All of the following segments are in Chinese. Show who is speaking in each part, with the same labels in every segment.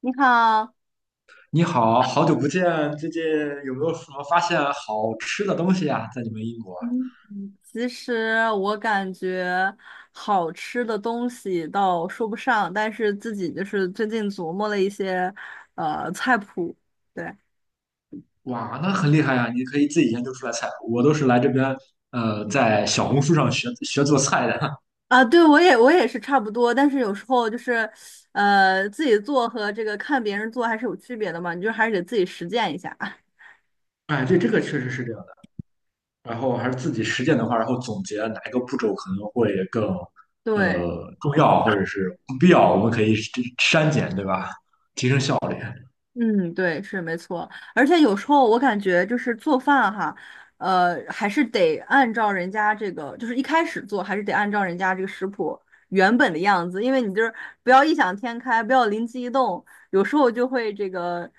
Speaker 1: 你好。
Speaker 2: 你好，好久不见，最近有没有什么发现好吃的东西呀？在你们英国？
Speaker 1: 嗯，其实我感觉好吃的东西倒说不上，但是自己就是最近琢磨了一些菜谱，对。
Speaker 2: 哇，那很厉害呀，你可以自己研究出来菜。我都是来这边，在小红书上学学做菜的。
Speaker 1: 对，我也是差不多，但是有时候就是自己做和这个看别人做还是有区别的嘛，你就还是得自己实践一下。
Speaker 2: 哎，对，这个确实是这样的。然后还是自己实践的话，然后总结哪一个步骤可能会更，
Speaker 1: 对。
Speaker 2: 重要，或者是不必要，我们可以删减，对吧？
Speaker 1: 嗯，对，是没错。而且有时候我感觉就是做饭哈，还是得按照人家这个，就是一开始做还是得按照人家这个食谱原本的样子，因为你就是不要异想天开，不要灵机一动，有时候就会这个，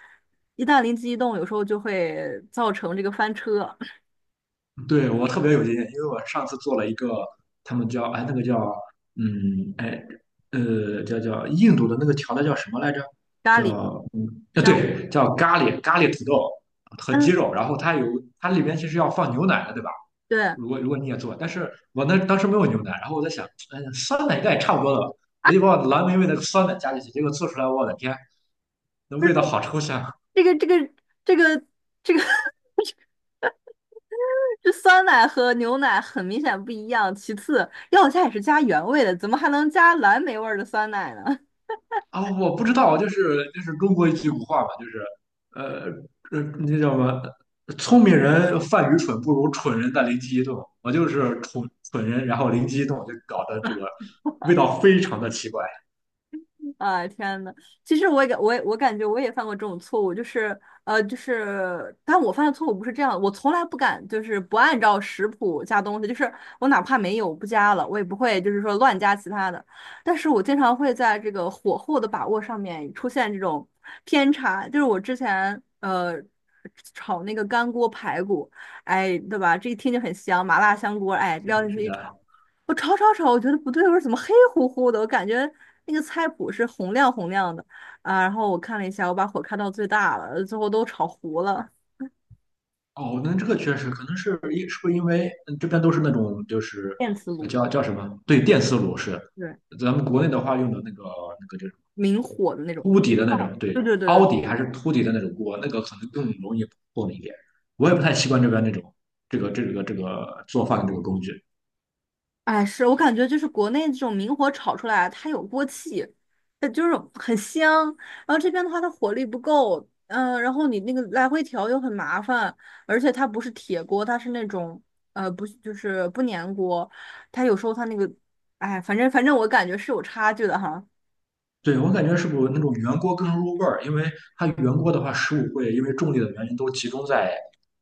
Speaker 1: 一旦灵机一动，有时候就会造成这个翻车。
Speaker 2: 对，我特别有经验，因为我上次做了一个，他们叫嗯哎印度的那个调料叫什么来着？
Speaker 1: 咖喱。
Speaker 2: 叫嗯啊
Speaker 1: 香。
Speaker 2: 对，叫咖喱，咖喱土豆和鸡
Speaker 1: 嗯，
Speaker 2: 肉，然后它有它里边其实要放牛奶的，对吧？
Speaker 1: 对。啊，
Speaker 2: 如果你也做，但是我那当时没有牛奶，然后我在想，哎酸奶应该也差不多了吧，我就把我蓝莓味的酸奶加进去，结果做出来，我的天，那
Speaker 1: 不是
Speaker 2: 味道好抽象。
Speaker 1: 这个这个这个这个。这酸奶和牛奶很明显不一样。其次，要加也是加原味的，怎么还能加蓝莓味儿的酸奶呢？
Speaker 2: 啊，我不知道，就是中国一句古话嘛，就是呃那叫什么？聪明人犯愚蠢，不如蠢人的灵机一动。我就是蠢人，然后灵机一动，就搞得这个味道非常的奇怪。
Speaker 1: 啊，天呐，其实我也感我也我感觉我也犯过这种错误，就是但我犯的错误不是这样，我从来不敢就是不按照食谱加东西，就是我哪怕没有不加了，我也不会就是说乱加其他的，但是我经常会在这个火候的把握上面出现这种偏差，就是我之前炒那个干锅排骨，哎，对吧？这一听就很香，麻辣香锅，哎，撩
Speaker 2: 对，
Speaker 1: 进
Speaker 2: 是
Speaker 1: 去一炒。
Speaker 2: 的。
Speaker 1: 我炒，我觉得不对味儿，我说怎么黑乎乎的？我感觉那个菜谱是红亮红亮的啊。然后我看了一下，我把火开到最大了，最后都炒糊了。
Speaker 2: 哦，那这个确实可能是是不是因为嗯这边都是那种就是
Speaker 1: 电磁
Speaker 2: 呃
Speaker 1: 炉。
Speaker 2: 叫叫什么？对，电磁炉是。
Speaker 1: 对，
Speaker 2: 咱们国内的话用的那个那个就是。
Speaker 1: 明火的那种。
Speaker 2: 凸
Speaker 1: 嗯
Speaker 2: 底的那
Speaker 1: 哦，
Speaker 2: 种，对，凹
Speaker 1: 对。
Speaker 2: 底还是凸底的那种锅，那个可能更容易破了一点。我也不太习惯这边那种这个做饭的这个工具。
Speaker 1: 哎，是我感觉就是国内这种明火炒出来，它有锅气，就是很香。然后这边的话，它火力不够，然后你那个来回调又很麻烦，而且它不是铁锅，它是那种不是不粘锅，它有时候它那个，哎，反正我感觉是有差距的哈。
Speaker 2: 对，我感觉是不是那种圆锅更入味儿？因为它圆锅的话，食物会因为重力的原因都集中在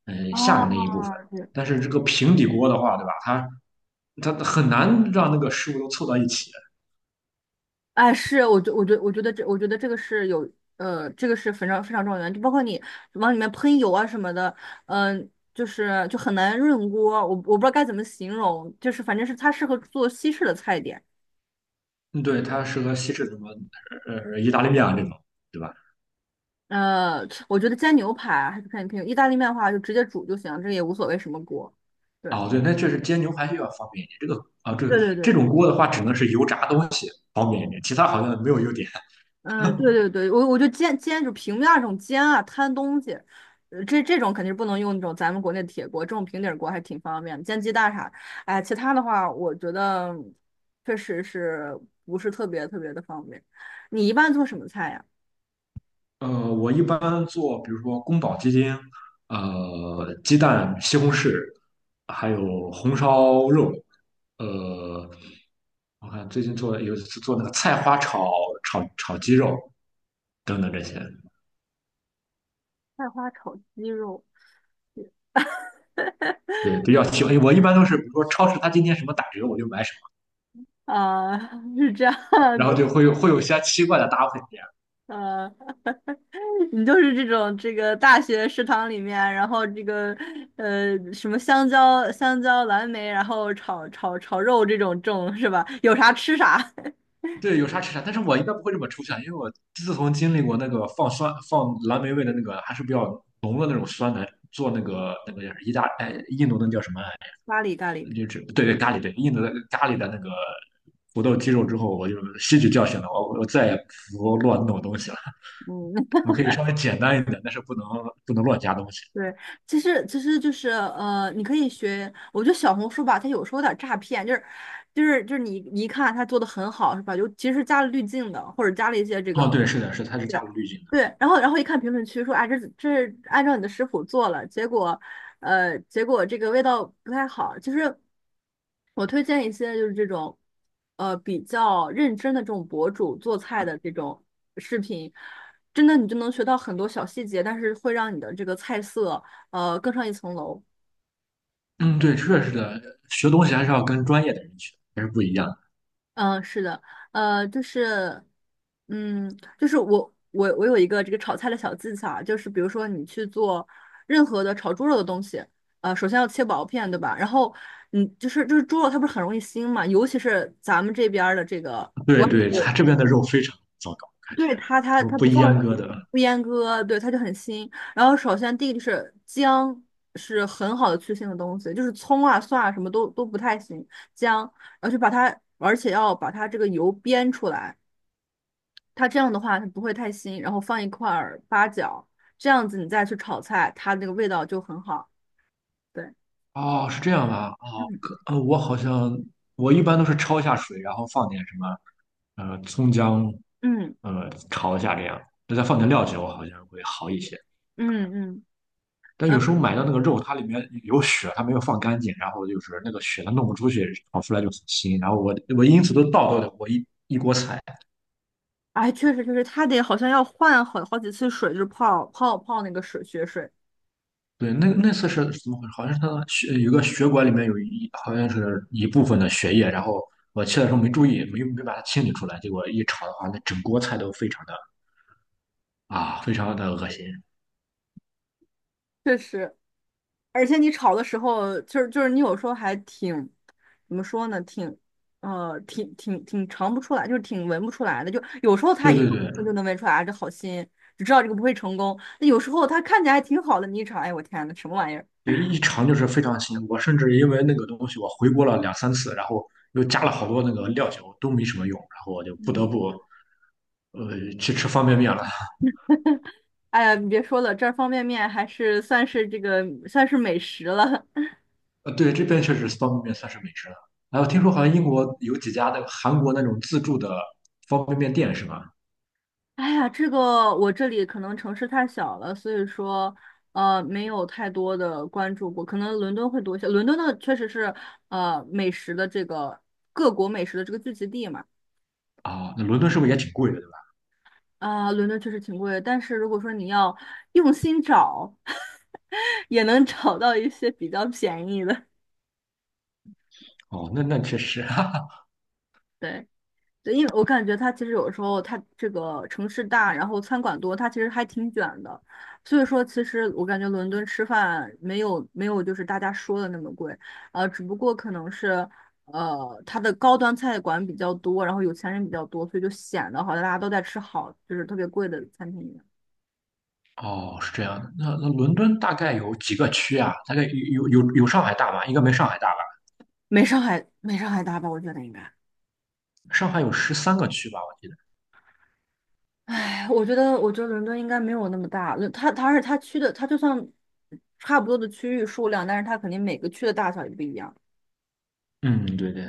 Speaker 2: 下面那一部分，
Speaker 1: 啊，对。
Speaker 2: 但是这个平底锅的话，对吧？它很难让那个食物都凑到一起。
Speaker 1: 哎，是，我觉得这，我觉得这个是有，这个是非常非常重要的原因，就包括你往里面喷油啊什么的，就是就很难润锅，我不知道该怎么形容，就是反正是它适合做西式的菜点。
Speaker 2: 嗯对，它适合西式什么意大利面啊这种，对吧？
Speaker 1: 我觉得煎牛排还是看你品，意大利面的话就直接煮就行，这个也无所谓什么锅。对，
Speaker 2: 哦，对，那确实煎牛排就要方便一点。啊，这这种
Speaker 1: 对。
Speaker 2: 锅的话，只能是油炸东西方便一点，其他好像没有优点。
Speaker 1: 嗯，对，我就煎，就平面儿这种煎啊，摊东西，这这种肯定是不能用那种咱们国内的铁锅，这种平底儿锅还挺方便的，煎鸡蛋啥，哎，其他的话，我觉得确实是不是特别特别的方便。你一般做什么菜呀？
Speaker 2: 我一般做，比如说宫保鸡丁，鸡蛋、西红柿，还有红烧肉。呃，我看最近做有一次做那个菜花炒鸡肉等等这些，
Speaker 1: 菜花炒鸡肉。
Speaker 2: 对，比较喜欢。我一般都是，比如说超市它今天什么打折，我就买什么，
Speaker 1: 啊、是这样
Speaker 2: 然后
Speaker 1: 子。
Speaker 2: 就会有些奇怪的搭配。
Speaker 1: 呃，你就是这种这个大学食堂里面，然后这个什么香蕉、蓝莓，然后炒肉，这种是吧？有啥吃啥。
Speaker 2: 对，有啥吃啥，但是我应该不会这么抽象，因为我自从经历过那个放酸、放蓝莓味的那个，还是比较浓的那种酸奶，做那个那个叫意大哎印度那叫什么来
Speaker 1: 咖喱咖喱。
Speaker 2: 着，就是对咖喱，对，印度的咖喱的那个土豆鸡肉之后，我就吸取教训了，我再也不乱弄东西了，
Speaker 1: 嗯。
Speaker 2: 我可以稍微简单一点，但是不能乱加东西。
Speaker 1: 对，其实其实就是你可以学，我觉得小红书吧，它有时候有点诈骗，就是你一看它做的很好是吧？就其实加了滤镜的，或者加了一些这
Speaker 2: 哦，
Speaker 1: 个
Speaker 2: 对，是的，是的它是加
Speaker 1: 对。
Speaker 2: 入滤镜的。
Speaker 1: 对，然后然后一看评论区说啊，这是按照你的食谱做了，结果，结果这个味道不太好。其实我推荐一些就是这种，比较认真的这种博主做菜的这种视频，真的你就能学到很多小细节，但是会让你的这个菜色更上一层楼。
Speaker 2: 嗯，对，确实是的，学东西还是要跟专业的人学，还是不一样的。
Speaker 1: 嗯，是的。呃，就是，就是我有一个这个炒菜的小技巧啊，就是比如说你去做任何的炒猪肉的东西，首先要切薄片，对吧？然后你就是就是猪肉它不是很容易腥嘛，尤其是咱们这边儿的这个，
Speaker 2: 对对，它这边的肉非常糟糕，感觉
Speaker 1: 对，
Speaker 2: 他们
Speaker 1: 它
Speaker 2: 不
Speaker 1: 不放，
Speaker 2: 阉割的。
Speaker 1: 不阉割，对，它就很腥。然后首先第一个就是姜是很好的去腥的东西，就是葱啊蒜啊什么都都不太行，姜。然后就把它，而且要把它这个油煸出来。它这样的话它不会太腥，然后放一块儿八角，这样子你再去炒菜，它那个味道就很好。对。
Speaker 2: 哦，是这样吧？
Speaker 1: 嗯
Speaker 2: 我好像我一般都是焯一下水，然后放点什么葱姜，
Speaker 1: 嗯
Speaker 2: 炒一下这样，再放点料酒，好像会好一些。
Speaker 1: 嗯嗯，
Speaker 2: 但
Speaker 1: 呃，
Speaker 2: 有时候买到那个肉，它里面有血，它没有放干净，然后就是那个血它弄不出去，炒出来就很腥。然后我因此都倒掉了我一锅菜。
Speaker 1: 哎，确实确实，它得好像要换好好几次水，就是泡那个水血水，
Speaker 2: 对，那那次是怎么回事？好像是他的血有个血管里面有好像是一部分的血液，然后我切的时候没注意，没把它清理出来，结果一炒的话，那整锅菜都非常的啊，非常的恶心。
Speaker 1: 确实。而且你炒的时候，你有时候还挺怎么说呢，挺尝不出来，就是挺闻不出来的。就有时候它
Speaker 2: 对
Speaker 1: 一炒
Speaker 2: 对对，
Speaker 1: 我就能闻出来，啊，这好腥，只知道这个不会成功。那有时候它看起来还挺好的，你一炒，哎，我天呐，什么玩意儿？
Speaker 2: 对一尝就是非常腥。我甚至因为那个东西，我回锅了两三次，然后又加了好多那个料酒，都没什么用，然后我就不得
Speaker 1: 嗯，
Speaker 2: 不去吃方便面了。
Speaker 1: 哎呀，你别说了，这儿方便面还是算是美食了。
Speaker 2: 对，这边确实方便面算是美食了。然后听说好像英国有几家那个韩国那种自助的方便面店是吧？
Speaker 1: 哎呀，这个我这里可能城市太小了，所以说没有太多的关注过，可能伦敦会多一些。伦敦呢确实是美食的这个，各国美食的这个聚集地嘛。
Speaker 2: 哦，那伦敦是不是也挺贵的，对吧？
Speaker 1: 伦敦确实挺贵，但是如果说你要用心找，也能找到一些比较便宜的。
Speaker 2: 哦，那那确实，哈哈。
Speaker 1: 对。对，因为我感觉它其实有时候它这个城市大，然后餐馆多，它其实还挺卷的。所以说，其实我感觉伦敦吃饭没有就是大家说的那么贵，只不过可能是它的高端菜馆比较多，然后有钱人比较多，所以就显得好像大家都在吃好，就是特别贵的餐厅一样。
Speaker 2: 哦，是这样的。那那伦敦大概有几个区啊？大概有上海大吧？应该没上海大吧？
Speaker 1: 没上海大吧？我觉得应该。
Speaker 2: 上海有13个区吧，我记得。
Speaker 1: 哎，我觉得伦敦应该没有那么大。伦，它区的，它就算差不多的区域数量，但是它肯定每个区的大小也不一样。
Speaker 2: 嗯，对对。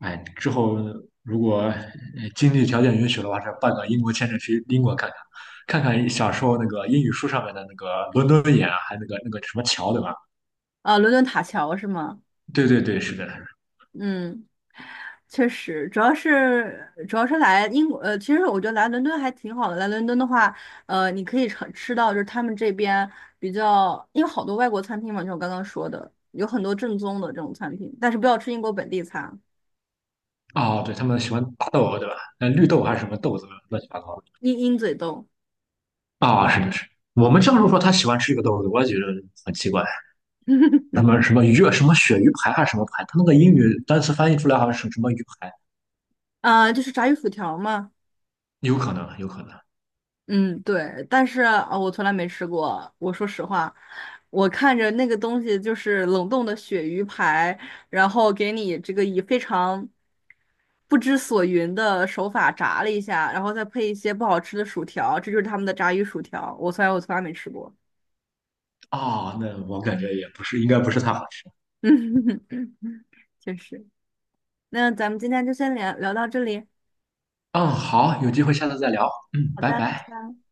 Speaker 2: 哎，之后如果经济条件允许的话，这办个英国签证去英国看看，看看小时候那个英语书上面的那个伦敦眼啊，还有那个那个什么桥，对吧？
Speaker 1: 啊，伦敦塔桥是吗？
Speaker 2: 对对对，是的。
Speaker 1: 嗯，确实，主要是来英国，其实我觉得来伦敦还挺好的。来伦敦的话，你可以尝吃到就是他们这边比较，因为好多外国餐厅嘛，就像我刚刚说的，有很多正宗的这种餐厅，但是不要吃英国本地餐。
Speaker 2: 哦，对，他们喜欢大豆，对吧？那绿豆还是什么豆子，乱七八糟的。
Speaker 1: 鹰嘴豆。
Speaker 2: 啊，是的是。我们这授说，他喜欢吃这个豆子，我也觉得很奇怪。什 么什么鱼啊什么鳕鱼排还是什么排？他那个英语单词翻译出来好像是什么鱼排，
Speaker 1: 啊，就是炸鱼薯条嘛。
Speaker 2: 有可能，有可能。
Speaker 1: 嗯，对，但是啊，我从来没吃过。我说实话，我看着那个东西就是冷冻的鳕鱼排，然后给你这个以非常不知所云的手法炸了一下，然后再配一些不好吃的薯条，这就是他们的炸鱼薯条。我从来没吃过。
Speaker 2: 啊，那我感觉也不是，应该不是太好吃。
Speaker 1: 嗯，确实。那咱们今天就先聊聊到这里。
Speaker 2: 嗯，好，有机会下次再聊。嗯，
Speaker 1: 好
Speaker 2: 拜
Speaker 1: 的，拜
Speaker 2: 拜。
Speaker 1: 拜。